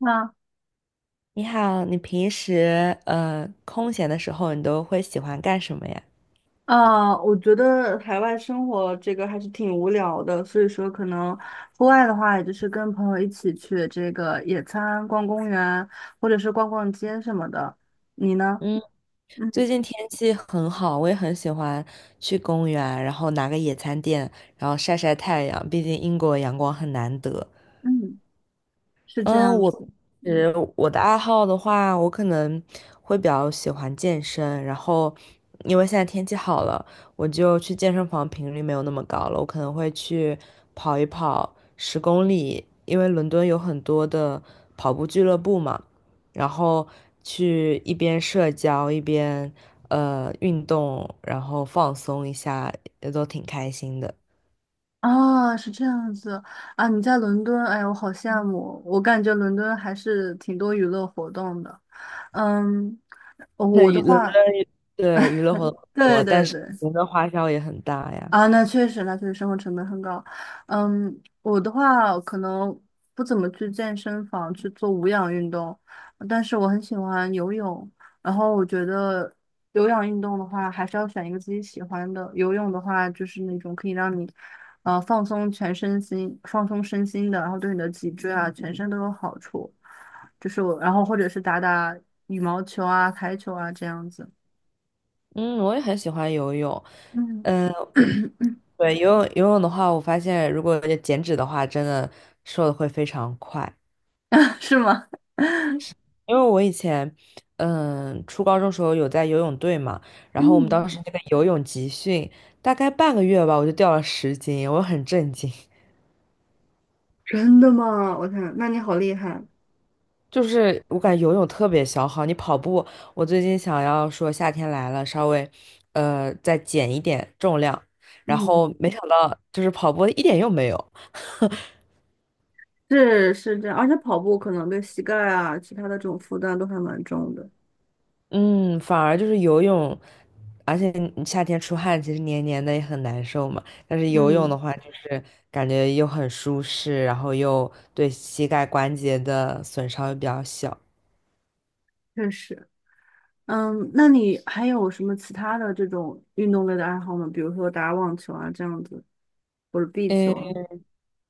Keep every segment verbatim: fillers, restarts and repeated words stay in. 那你好，你平时呃空闲的时候，你都会喜欢干什么呀？啊，我觉得海外生活这个还是挺无聊的，所以说可能户外的话，也就是跟朋友一起去这个野餐、逛公园，或者是逛逛街什么的。你呢？嗯，嗯最近天气很好，我也很喜欢去公园，然后拿个野餐垫，然后晒晒太阳。毕竟英国阳光很难得。嗯，是这嗯，样我子。嗯，呃我的爱好的话，我可能会比较喜欢健身，然后因为现在天气好了，我就去健身房频率没有那么高了，我可能会去跑一跑十公里，因为伦敦有很多的跑步俱乐部嘛，然后去一边社交一边呃运动，然后放松一下，也都挺开心的。啊，是这样子啊，你在伦敦，哎呀，我好羡慕，我感觉伦敦还是挺多娱乐活动的。嗯，那我的娱伦敦话，对娱乐活动很对多，但对是对。伦敦花销也很大呀。啊，那确实，那确实生活成本很高。嗯，我的话可能不怎么去健身房去做无氧运动，但是我很喜欢游泳。然后我觉得有氧运动的话，还是要选一个自己喜欢的。游泳的话，就是那种可以让你呃放松全身心、放松身心的，然后对你的脊椎啊、全身都有好处。就是我，然后或者是打打羽毛球啊、台球啊这样子。嗯，我也很喜欢游泳。嗯，嗯，对，游泳游泳的话，我发现如果减脂的话，真的瘦的会非常快。是吗？因为我以前，嗯，初高中时候有在游泳队嘛，然后我们嗯。当时那个游泳集训，大概半个月吧，我就掉了十斤，我很震惊。真的吗？我看，那你好厉害。就是我感觉游泳特别消耗，你跑步，我最近想要说夏天来了，稍微，呃，再减一点重量，然嗯，后没想到就是跑步一点用没有。是是这样，而且跑步可能对膝盖啊，其他的这种负担都还蛮重的。嗯，反而就是游泳，而且你夏天出汗，其实黏黏的也很难受嘛。但是游泳嗯，的话，就是感觉又很舒适，然后又对膝盖关节的损伤又比较小。确实。嗯，那你还有什么其他的这种运动类的爱好吗？比如说打网球啊这样子，或者壁球嗯。啊。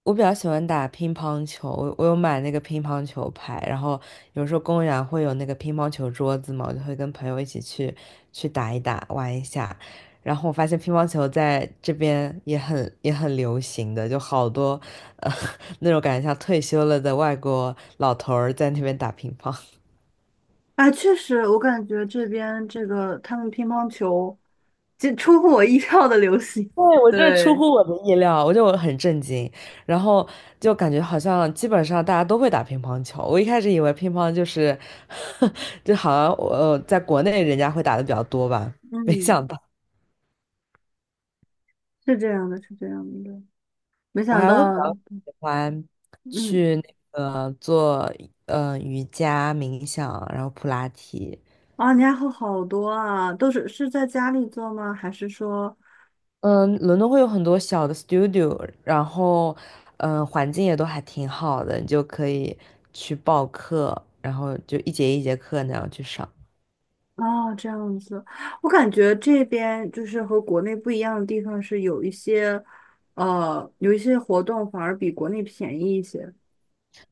我比较喜欢打乒乓球，我我有买那个乒乓球拍，然后有时候公园会有那个乒乓球桌子嘛，我就会跟朋友一起去去打一打，玩一下。然后我发现乒乓球在这边也很也很流行的，就好多呃 那种感觉像退休了的外国老头儿在那边打乒乓。啊，确实，我感觉这边这个他们乒乓球，这出乎我意料的流行。对，我这出对，乎我的意料，我就很震惊，然后就感觉好像基本上大家都会打乒乓球。我一开始以为乒乓就是，就好像我呃在国内人家会打的比较多吧，没嗯，想到是这样的，是这样的。没我想还会比到，较喜欢嗯。去那个做呃瑜伽、冥想，然后普拉提。啊，你还好好多啊，都是是在家里做吗？还是说，嗯，伦敦会有很多小的 studio，然后，嗯，环境也都还挺好的，你就可以去报课，然后就一节一节课那样去上。哦，这样子？我感觉这边就是和国内不一样的地方是有一些，呃，有一些活动反而比国内便宜一些。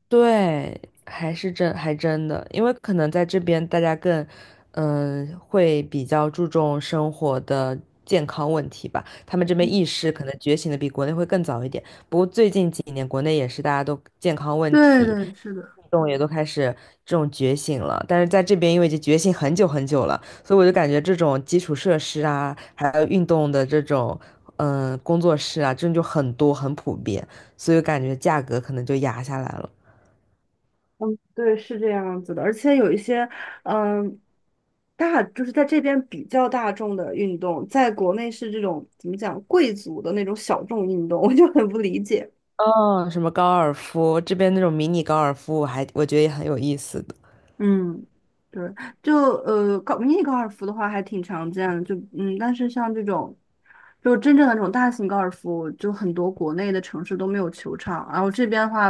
对，还是真还真的，因为可能在这边大家更，嗯，会比较注重生活的健康问题吧。他们这边意识可能觉醒的比国内会更早一点。不过最近几年，国内也是大家都健康问对题，对，是的。运动也都开始这种觉醒了。但是在这边，因为已经觉醒很久很久了，所以我就感觉这种基础设施啊，还有运动的这种，嗯，工作室啊，真的就很多很普遍，所以感觉价格可能就压下来了。嗯，对，是这样子的，而且有一些，嗯，大就是在这边比较大众的运动，在国内是这种怎么讲贵族的那种小众运动，我就很不理解。哦，什么高尔夫，这边那种迷你高尔夫，我还我觉得也很有意思的。嗯，对，就呃高迷你高尔夫的话还挺常见的，就嗯，但是像这种，就真正的这种大型高尔夫，就很多国内的城市都没有球场，然后这边的话，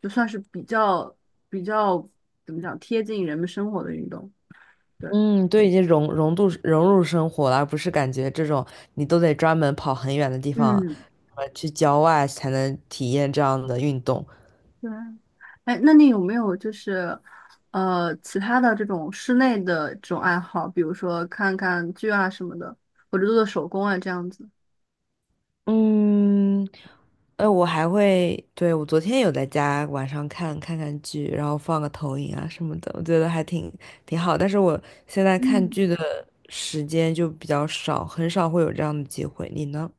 就算是比较比较怎么讲贴近人们生活的运动，对，嗯，对，已经融融度融入生活了，而不是感觉这种你都得专门跑很远的地方，嗯，呃，去郊外才能体验这样的运动。对，哎，那你有没有就是呃其他的这种室内的这种爱好，比如说看看剧啊什么的，或者做做手工啊这样子？嗯，呃，我还会，对，我昨天有在家晚上看看看剧，然后放个投影啊什么的，我觉得还挺挺好。但是我现在看嗯。剧的时间就比较少，很少会有这样的机会。你呢？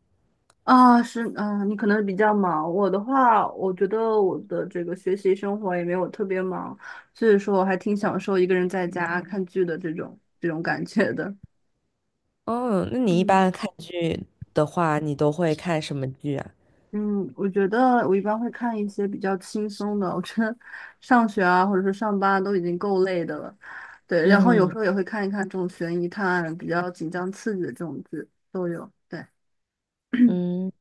啊，是，啊，你可能比较忙。我的话，我觉得我的这个学习生活也没有特别忙，所以说我还挺享受一个人在家看剧的这种这种感觉的。哦，那你一嗯般看剧的话，你都会看什么剧啊？嗯，我觉得我一般会看一些比较轻松的，我觉得 上学啊或者是上班都已经够累的了，对，然后有时嗯候也会看一看这种悬疑探案比较紧张刺激的这种剧都有。对，嗯，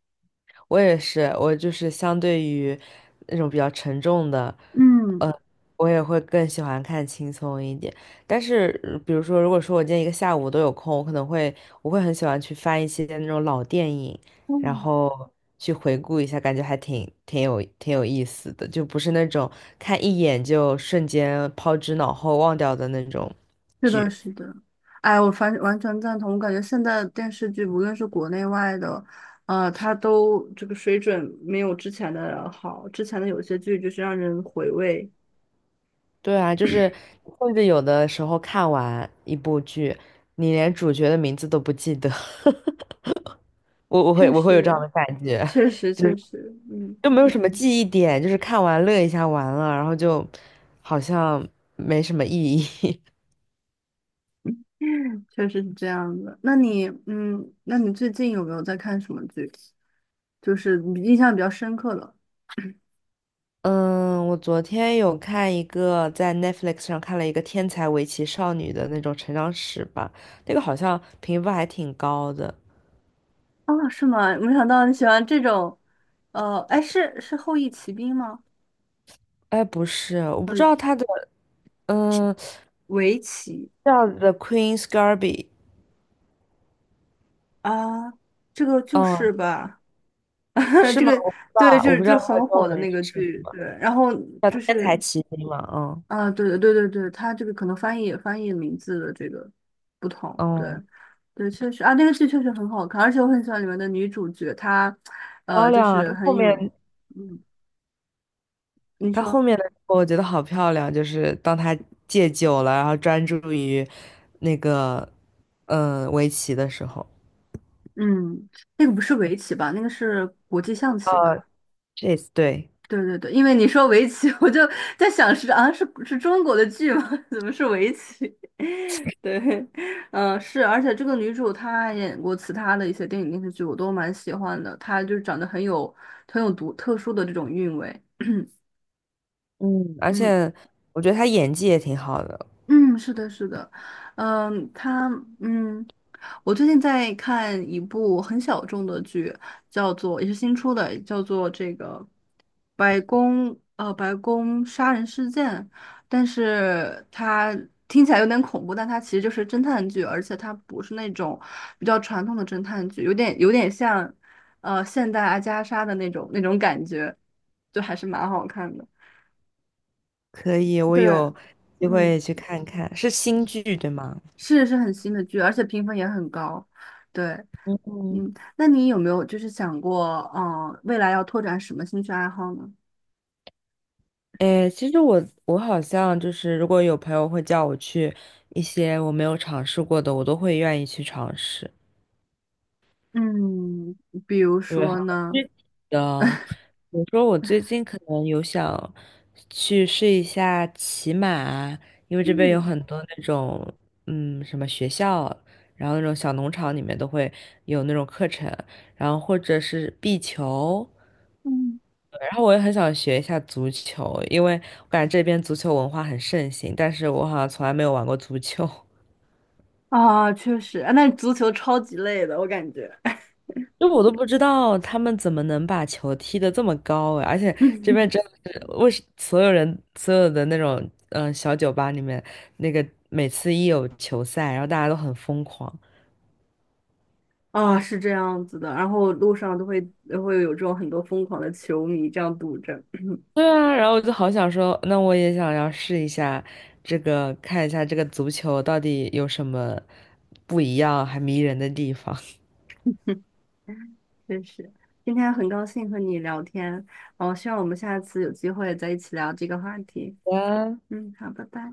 我也是，我就是相对于那种比较沉重的，嗯。呃，我也会更喜欢看轻松一点。但是，呃比如说，如果说我今天一个下午都有空，我可能会，我会很喜欢去翻一些那种老电影，然后去回顾一下，感觉还挺挺有挺有意思的，就不是那种看一眼就瞬间抛之脑后忘掉的那种是的，剧。是的，哎，我反完全赞同。我感觉现在的电视剧，无论是国内外的，呃，它都这个水准没有之前的好。之前的有些剧就是让人回味，对啊，就是甚至有的时候看完一部剧，你连主角的名字都不记得。我我会确我会有这样实，的感觉，确实，就确是实，嗯，就没有什么记忆点，就是看完乐一下完了，然后就好像没什么意义。确实是这样的。那你，嗯，那你最近有没有在看什么剧？就是你印象比较深刻的？嗯，我昨天有看一个在 Netflix 上看了一个天才围棋少女的那种成长史吧，那个好像评分还挺高的。哦，是吗？没想到你喜欢这种，呃，哎，是是《后翼骑兵》吗？哎，不是，我不知呃，道它的，嗯。围棋。叫 The Queen's g a r b i t。 啊，这个就嗯，是吧，是这吗？个我不知道，对，我这不知道这它的很中火的文那是个什么，剧，对，然后叫就《天才是奇兵》嘛。嗯啊，对对对对对，它这个可能翻译翻译名字的这个不同，对嗯，对，确实啊，那个剧确实很好看，而且我很喜欢里面的女主角，她漂呃，就亮啊！是它后很有，面嗯，你它后说，面的时候，我觉得好漂亮，就是当他戒酒了，然后专注于那个嗯围棋的时候，嗯，那个不是围棋吧，那个是国际象棋呃 吧？c h 对。对对对，因为你说围棋，我就在想是啊，是是中国的剧吗？怎么是围棋？对，嗯，是，而且这个女主她演过其他的一些电影电视剧，我都蛮喜欢的。她就是长得很有很有独特殊的这种韵味。嗯，而嗯且我觉得他演技也挺好的。嗯，是的，是的，嗯，她嗯，我最近在看一部很小众的剧，叫做也是新出的，叫做这个。白宫呃白宫杀人事件，但是它听起来有点恐怖，但它其实就是侦探剧，而且它不是那种比较传统的侦探剧，有点有点像呃现代阿加莎的那种那种感觉，就还是蛮好看的。可以，我对，有机嗯，会去看看，是新剧对吗？是是很新的剧，而且评分也很高。对，嗯。嗯，那你有没有就是想过，嗯，未来要拓展什么兴趣爱好呢？诶，其实我我好像就是，如果有朋友会叫我去一些我没有尝试过的，我都会愿意去尝试。嗯，比如对，好说呢？具体的。比如说，我最近可能有想去试一下骑马，因为这边有嗯很多那种，嗯，什么学校，然后那种小农场里面都会有那种课程，然后或者是壁球，嗯。对然后我也很想学一下足球，因为我感觉这边足球文化很盛行，但是我好像从来没有玩过足球。啊，确实，啊那足球超级累的，我感觉。就我都不知道他们怎么能把球踢得这么高哎，而且这 边真的是为什所有人所有的那种嗯、呃小酒吧里面，那个每次一有球赛，然后大家都很疯狂。啊，是这样子的，然后路上都会都会有这种很多疯狂的球迷这样堵着，对啊，然后我就好想说，那我也想要试一下这个，看一下这个足球到底有什么不一样还迷人的地方。真是。今天很高兴和你聊天，哦，希望我们下次有机会再一起聊这个话题。啊嗯，好，拜拜。